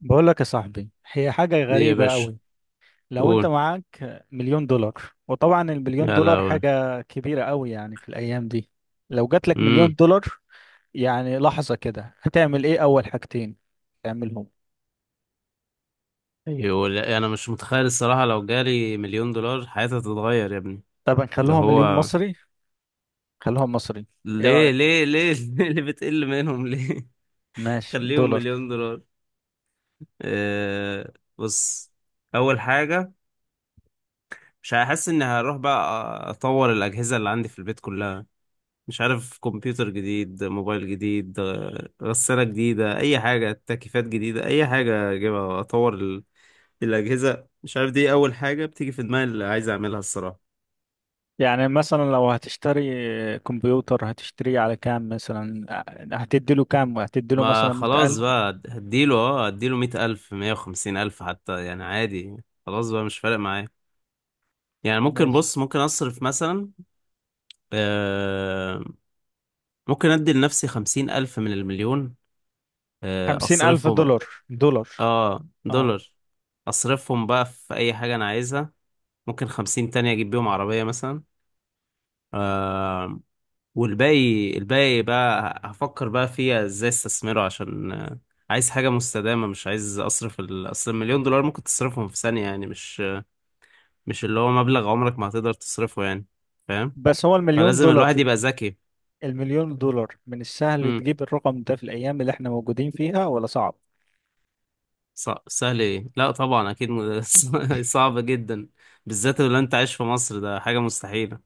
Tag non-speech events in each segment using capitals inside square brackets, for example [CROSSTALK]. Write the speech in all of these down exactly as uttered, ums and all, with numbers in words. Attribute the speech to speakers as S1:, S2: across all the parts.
S1: بقول لك يا صاحبي، هي حاجة
S2: دي يا
S1: غريبة
S2: باشا.
S1: قوي. لو انت
S2: قول.
S1: معاك مليون دولار. وطبعا المليون
S2: يا
S1: دولار
S2: لهوي.
S1: حاجة كبيرة قوي يعني في الأيام دي. لو جات لك
S2: امم
S1: مليون دولار يعني لحظة كده هتعمل ايه أول حاجتين تعملهم؟
S2: يقول انا مش متخيل الصراحه، لو جالي مليون دولار حياتي هتتغير يا ابني.
S1: طبعا
S2: اللي
S1: خلوها مليون
S2: هو
S1: مصري، خلوها مصري. ايه
S2: ليه
S1: رأيك؟
S2: ليه ليه [LAUGHS] ليه؟ اللي بتقل منهم ليه؟ [LAUGHS]
S1: ماشي
S2: خليهم
S1: دولار.
S2: مليون دولار. أه بص. اول حاجه مش هحس اني هروح بقى. اطور الاجهزه اللي عندي في البيت كلها. مش عارف، كمبيوتر جديد، موبايل جديد، آه، غساله جديده، اي حاجه، تكييفات جديده، اي حاجه اجيبها اطور. الأجهزة مش عارف، دي أول حاجة بتيجي في دماغي اللي عايز أعملها الصراحة.
S1: يعني مثلا لو هتشتري كمبيوتر هتشتريه على كام مثلا؟ هتديله كام؟ هتديله
S2: ما
S1: مثلا
S2: خلاص
S1: مية ألف؟
S2: بقى هديله، اه هديله مية ألف، مية وخمسين ألف حتى يعني عادي. خلاص بقى مش فارق معايا. يعني ممكن،
S1: ماشي.
S2: بص، ممكن أصرف مثلا. آه. ممكن أدي لنفسي خمسين ألف من المليون. آه
S1: خمسين ألف
S2: أصرفهم.
S1: دولار دولار؟
S2: اه
S1: اه.
S2: دولار. أصرفهم بقى في أي حاجة أنا عايزها. ممكن خمسين تانية أجيب بيهم عربية مثلا. آه، والباقي، الباقي بقى هفكر بقى فيها ازاي استثمره، عشان آه، عايز حاجة مستدامة. مش عايز اصرف ال... اصل المليون دولار ممكن تصرفهم في ثانية يعني، مش مش اللي هو مبلغ عمرك ما هتقدر تصرفه يعني، فاهم.
S1: بس هو المليون
S2: فلازم
S1: دولار،
S2: الواحد يبقى ذكي.
S1: المليون دولار من السهل
S2: امم
S1: تجيب الرقم ده في الأيام اللي احنا موجودين فيها ولا صعب؟
S2: ص... سهل ايه، لا طبعا اكيد م... [LAUGHS] صعب جدا، بالذات لو انت عايش في مصر ده حاجة مستحيلة.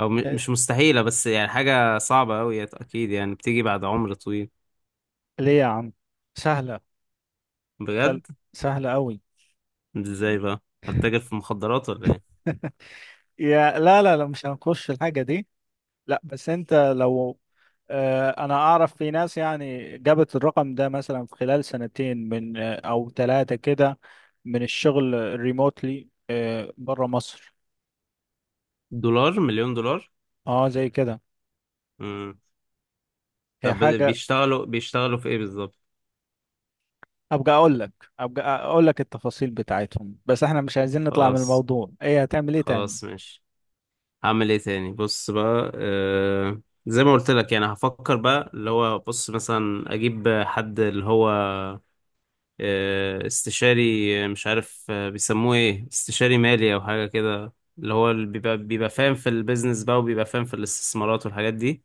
S2: او م...
S1: إيه،
S2: مش مستحيلة بس يعني حاجة صعبة قوي اكيد، يعني بتيجي بعد عمر طويل.
S1: ليه يا عم؟ سهلة، خل...
S2: بجد.
S1: سهلة أوي.
S2: ازاي بقى؟ هتتاجر في مخدرات ولا ايه؟
S1: [LAUGHS] يا لا لا لا، مش هنخش الحاجة دي. لا بس انت لو، آه، انا اعرف في ناس يعني جابت الرقم ده مثلا في خلال سنتين من آه، او ثلاثة كده، من الشغل ريموتلي بره مصر.
S2: دولار، مليون دولار.
S1: اه زي كده.
S2: امم
S1: هي
S2: طب
S1: حاجة.
S2: بيشتغلوا بيشتغلوا في ايه بالظبط؟
S1: ابقى اقول لك ابقى اقول لك التفاصيل بتاعتهم، بس احنا مش عايزين نطلع من
S2: خلاص.
S1: الموضوع. ايه هتعمل ايه تاني؟
S2: خلاص ماشي. هعمل ايه تاني؟ بص بقى آه... زي ما قلت لك. يعني هفكر بقى، اللي هو بص، مثلا اجيب حد اللي هو آه... استشاري، آه، مش عارف، آه، بيسموه ايه، استشاري مالي او حاجة كده. اللي هو اللي بيبقى بيبقى فاهم في البيزنس بقى، وبيبقى فاهم في الاستثمارات والحاجات دي.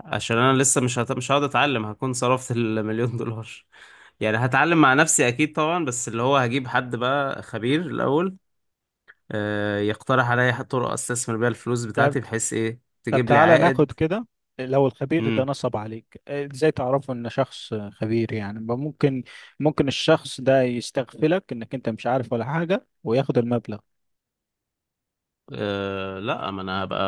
S2: عشان انا لسه مش هت... مش هقعد اتعلم، هكون صرفت [LAUGHS] المليون دولار. يعني هتعلم مع نفسي اكيد طبعا، بس اللي هو هجيب حد بقى خبير الاول. آه، يقترح عليا طرق استثمر بيها الفلوس
S1: طب
S2: بتاعتي، بحيث ايه
S1: طب
S2: تجيب لي
S1: تعالى ناخد
S2: عائد.
S1: كده. لو الخبير ده
S2: امم
S1: نصب عليك إيه، ازاي تعرفه ان شخص خبير؟ يعني ما ممكن، ممكن الشخص ده يستغفلك انك انت مش عارف ولا حاجة وياخد المبلغ.
S2: أه لا، ما انا هبقى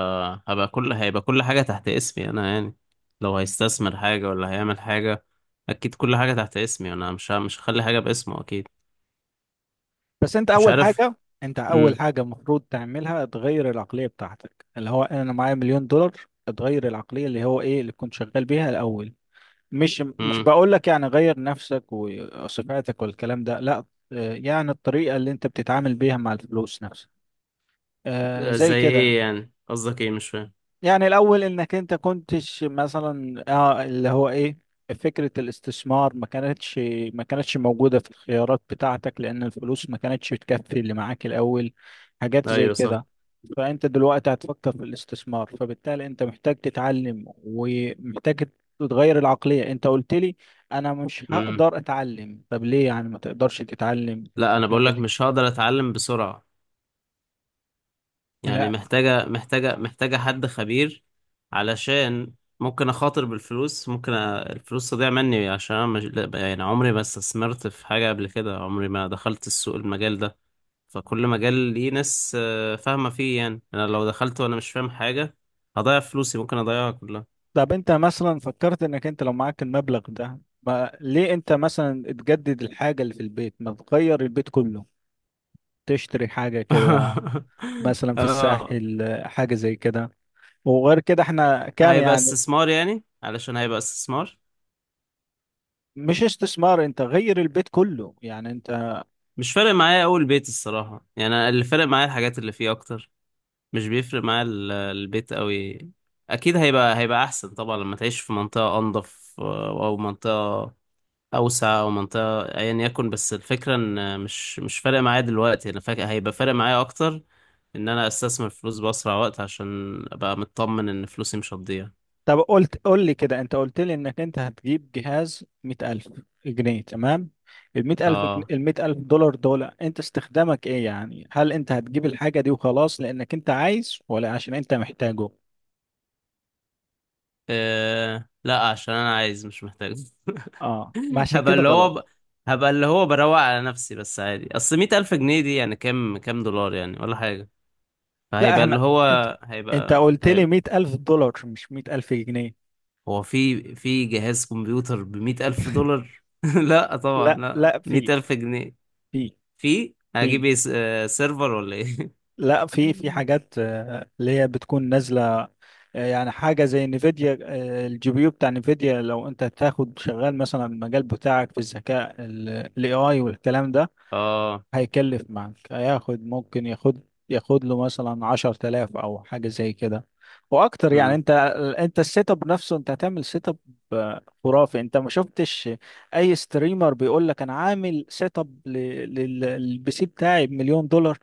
S2: هبقى كل هيبقى كل حاجة تحت اسمي انا يعني. لو هيستثمر حاجة، ولا هيعمل حاجة، اكيد كل حاجة تحت اسمي انا، مش ه- مش هخلي حاجة باسمه اكيد.
S1: بس انت
S2: مش
S1: اول
S2: عارف.
S1: حاجة، انت اول
S2: امم
S1: حاجة المفروض تعملها تغير العقلية بتاعتك، اللي هو انا معايا مليون دولار. تغير العقلية، اللي هو ايه اللي كنت شغال بيها الاول. مش مش
S2: امم
S1: بقول لك يعني غير نفسك وصفاتك والكلام ده، لا. آه، يعني الطريقة اللي انت بتتعامل بيها مع الفلوس نفسها، آه،
S2: آه،
S1: زي
S2: زي
S1: كده.
S2: ايه يعني؟ قصدك ايه؟ مش فاهم.
S1: يعني الأول إنك أنت كنتش مثلا آه اللي هو إيه، فكرة الاستثمار ما كانتش ما كانتش موجودة في الخيارات بتاعتك، لأن الفلوس ما كانتش تكفي اللي معاك الأول، حاجات زي
S2: ايوه صح.
S1: كده. فأنت دلوقتي هتفكر في الاستثمار، فبالتالي أنت محتاج تتعلم ومحتاج تتغير العقلية. أنت قلت لي أنا مش
S2: امم
S1: هقدر أتعلم، طب ليه يعني ما تقدرش تتعلم في
S2: لا انا بقول
S1: الحاجة
S2: لك
S1: دي؟
S2: مش هقدر اتعلم بسرعة، يعني
S1: لا.
S2: محتاجة، محتاجة محتاجة حد خبير، علشان ممكن أخاطر بالفلوس، ممكن أ- الفلوس تضيع مني. عشان أنا مش... لا، يعني عمري ما استثمرت في حاجة قبل كده، عمري ما دخلت السوق، المجال ده. فكل مجال ليه ناس آه، فاهمة فيه. يعني أنا لو دخلت وأنا مش فاهم حاجة، هضيع فلوسي، ممكن أضيعها كلها.
S1: طب انت مثلا فكرت انك انت لو معاك المبلغ ده، ما ليه انت مثلا تجدد الحاجة اللي في البيت، ما تغير البيت كله، تشتري حاجة كده،
S2: [LAUGHS]
S1: مثلا في
S2: آه،
S1: الساحل، حاجة زي كده؟ وغير كده احنا كام
S2: هيبقى
S1: يعني؟
S2: استثمار يعني، علشان هيبقى استثمار.
S1: مش استثمار، انت غير البيت كله يعني انت.
S2: مش فارق معايا أول بيت الصراحة، يعني أنا اللي فارق معايا الحاجات اللي فيه أكتر، مش بيفرق معاه ال- البيت قوي. اكيد هيبقى هيبقى احسن طبعا، لما تعيش في منطقة انضف، آه، او منطقة اوسع، او منطقة ايا يكن. بس الفكرة ان مش مش فارق معايا دلوقتي، انا فاكر هيبقى فارق معايا اكتر ان انا استثمر فلوس باسرع وقت، عشان ابقى مطمن ان فلوسي مش هتضيع.
S1: طب قلت قول لي كده، انت قلت لي انك انت هتجيب جهاز مئة ألف جنيه، تمام. المئة ألف جن...
S2: اه
S1: المئة ألف دولار دول، أنت استخدامك إيه يعني؟ هل أنت هتجيب الحاجة دي وخلاص لأنك أنت عايز ولا عشان أنت محتاجه؟
S2: إيه... لا عشان انا عايز مش محتاج. [LAUGHS]
S1: اه، ما عشان
S2: هبقى
S1: كده
S2: اللي هو
S1: غلط.
S2: ب... هبقى اللي هو بروق على نفسي بس، عادي، اصل مية ألف جنيه دي يعني كام، كام دولار يعني، ولا حاجة.
S1: لا
S2: فهيبقى
S1: احنا،
S2: اللي
S1: انت
S2: هو،
S1: انت
S2: هيبقى
S1: قلت لي
S2: هيبقى
S1: مئة ألف دولار مش مئة ألف جنيه.
S2: هو في، في جهاز كمبيوتر بمئة ألف دولار؟ [LAUGHS] لا طبعا
S1: لا
S2: لا،
S1: لا،
S2: مئة
S1: في
S2: ألف جنيه.
S1: في
S2: في
S1: في
S2: هجيب ايه س- آه، سيرفر ولا ايه؟
S1: لا في في
S2: [LAUGHS]
S1: حاجات آه، اللي هي بتكون نازلة. آه، يعني حاجة زي نفيديا، آه، الجي بي يو بتاع نفيديا، لو انت تاخد شغال مثلا المجال بتاعك في الذكاء الاي اي والكلام ده،
S2: اه.
S1: هيكلف معاك، هياخد، ممكن ياخد ياخد له مثلا عشر تلاف أو حاجة زي كده وأكتر يعني.
S2: مم.
S1: أنت، أنت السيت أب نفسه، أنت هتعمل سيت أب خرافي. أنت ما شفتش أي ستريمر بيقول لك أنا عامل سيت أب للبي سي بتاعي بمليون دولار؟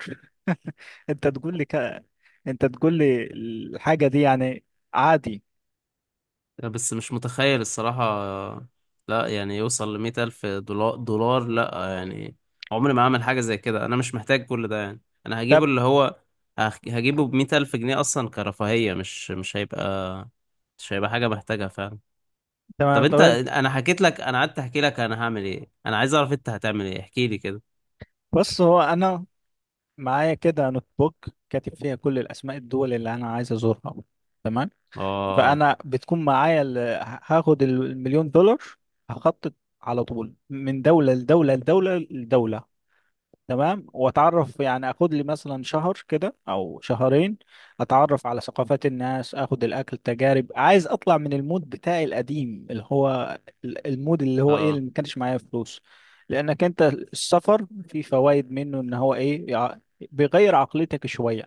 S1: [LAUGHS] أنت تقول لي كده، أنت تقول لي الحاجة دي يعني عادي.
S2: بس مش متخيل الصراحة، لا يعني يوصل لمئة ألف دولار، دولار، لا يعني. عمري ما أعمل حاجة زي كده، أنا مش محتاج كل ده يعني. أنا هجيبه
S1: طب
S2: اللي هو هخ- هجيبه بمئة ألف جنيه أصلا كرفاهية، مش مش هيبقى مش هيبقى حاجة بحتاجها فعلا. طب
S1: تمام، طب
S2: انت،
S1: أنت.
S2: انا حكيت لك، انا قعدت احكي لك انا هعمل ايه. انا عايز اعرف انت هتعمل ايه، احكي لي كده.
S1: بص هو أنا معايا كده نوت بوك، كاتب فيها كل الأسماء، الدول اللي أنا عايز أزورها، تمام؟
S2: اه.
S1: فانا بتكون معايا ال- هاخد المليون دولار، هخطط على طول من دوله لدوله لدوله لدوله، تمام؟ واتعرف يعني، اخد لي مثلا شهر كده او شهرين، اتعرف على ثقافات الناس، اخد الاكل، تجارب، عايز اطلع من المود بتاعي القديم، اللي هو ال- المود اللي هو ايه، اللي
S2: اه.
S1: ما كانش معايا فلوس، لانك انت السفر فيه فوائد منه، ان هو ايه، يع- بيغير عقليتك شويه.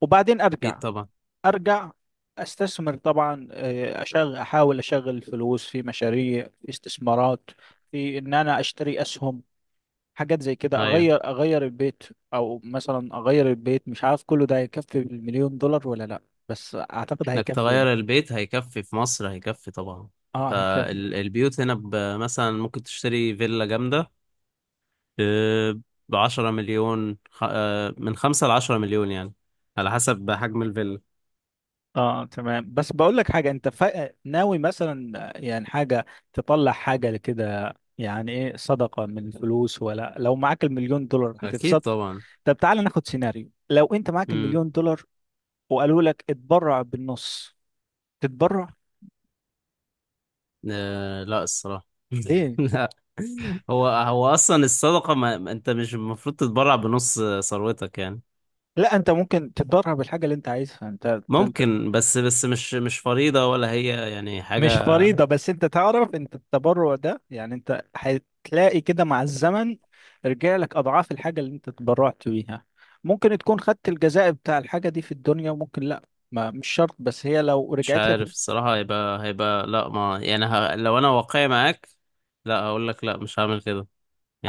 S1: وبعدين
S2: اكيد
S1: ارجع،
S2: طبعا.
S1: ارجع استثمر طبعا، آه، اشغل، احاول اشغل فلوس في مشاريع، في استثمارات، في ان انا اشتري اسهم، حاجات زي كده.
S2: ايوه.
S1: اغير اغير البيت، او مثلا اغير البيت، مش عارف كله ده هيكفي بالمليون دولار ولا لا؟ بس اعتقد
S2: انك
S1: هيكفي يعني.
S2: تغير البيت، هيكفي في مصر، هيكفي طبعا.
S1: اه هيكفي.
S2: فالبيوت هنا ب- مثلا ممكن تشتري فيلا جامدة ب عشرة مليون، خ- آه، من خمسة ل عشرة مليون يعني، على حسب حجم الفيلا.
S1: اه تمام، بس بقول لك حاجه. انت فا... ناوي مثلا يعني حاجه تطلع حاجه كده يعني ايه، صدقه من الفلوس، ولا لو معاك المليون دولار
S2: اكيد
S1: هتتصدق؟
S2: طبعا.
S1: طب تعالى ناخد سيناريو، لو انت معاك
S2: مم.
S1: المليون دولار وقالوا لك اتبرع بالنص، تتبرع؟
S2: آه لا الصراحة، [LAUGHS]
S1: ليه؟
S2: لا. هو، هو أصلا الصدقة ما ما- أنت مش المفروض تتبرع بنص ثروتك يعني.
S1: لا انت ممكن تتبرع بالحاجه اللي انت عايزها، انت انت
S2: ممكن، بس بس مش مش فريضة ولا هي يعني حاجة.
S1: مش فريضة، بس انت تعرف انت التبرع ده يعني انت هتلاقي كده مع الزمن رجع لك اضعاف الحاجة اللي انت تبرعت بيها. ممكن تكون خدت الجزاء بتاع الحاجة دي في الدنيا، وممكن لا. ما مش شرط، بس هي لو
S2: مش
S1: رجعت لك.
S2: عارف الصراحة. هيبقى هيبقى لا، ما يعني ه... لو أنا واقعي معاك، لا هقول لك لا، مش هعمل كده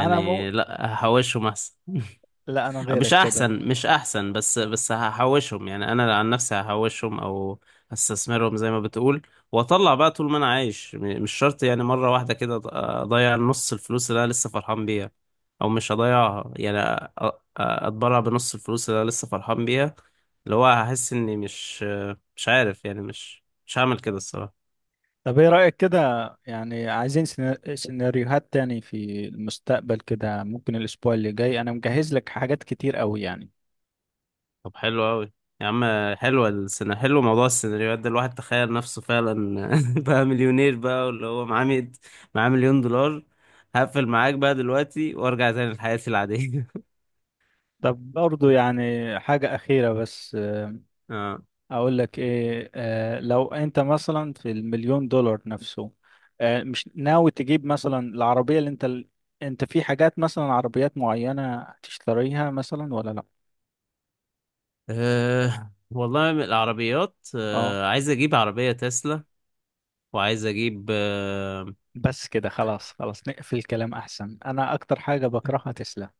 S1: انا مو،
S2: لا هحوشهم أحسن.
S1: لا انا
S2: مش
S1: غيرك كده.
S2: احسن مش احسن بس بس هحوشهم يعني. انا عن نفسي هحوشهم، او هستثمرهم زي ما بتقول، واطلع بقى طول ما انا عايش. م- مش شرط يعني مره واحده كده أض- اضيع نص الفلوس اللي انا لسه فرحان بيها. او مش هضيعها يعني، أ- أ- اتبرع بنص الفلوس اللي انا لسه فرحان بيها. اللي هو هحس اني مش، مش عارف يعني. مش مش هعمل كده الصراحه.
S1: طب ايه رأيك كده، يعني عايزين سينا- سيناريوهات تاني في المستقبل كده؟ ممكن الاسبوع اللي جاي انا مجهز لك حاجات كتير قوي يعني.
S2: طب حلو قوي يا عم. حلوه السنة، حلو موضوع السيناريوهات ده، الواحد تخيل نفسه فعلا [LAUGHS] بقى مليونير بقى، واللي هو معاه مية، معاه مليون دولار. هقفل معاك بقى دلوقتي، وارجع تاني لحياتي العادية.
S1: طب برضو يعني حاجة أخيرة بس،
S2: [LAUGHS] اه.
S1: اقول لك ايه، آه لو انت مثلا في المليون دولار نفسه، آه مش ناوي تجيب مثلا العربية؟ اللي انت ال... انت في حاجات مثلا عربيات معينة هتشتريها مثلا ولا لا؟
S2: أه والله، من العربيات
S1: اه.
S2: أه عايز اجيب عربية تسلا، وعايز اجيب أه.
S1: بس كده خلاص، خلاص نقفل الكلام احسن، انا اكتر حاجة بكرهها تسلا.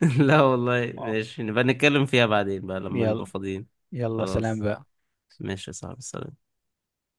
S2: [LAUGHS] لا والله
S1: اه،
S2: ماشي، نبقى نتكلم فيها بعدين بقى لما نبقى
S1: يلا،
S2: فاضيين.
S1: يلا سلام
S2: خلاص.
S1: بقى.
S2: ماشي يا صاحبي، سلام.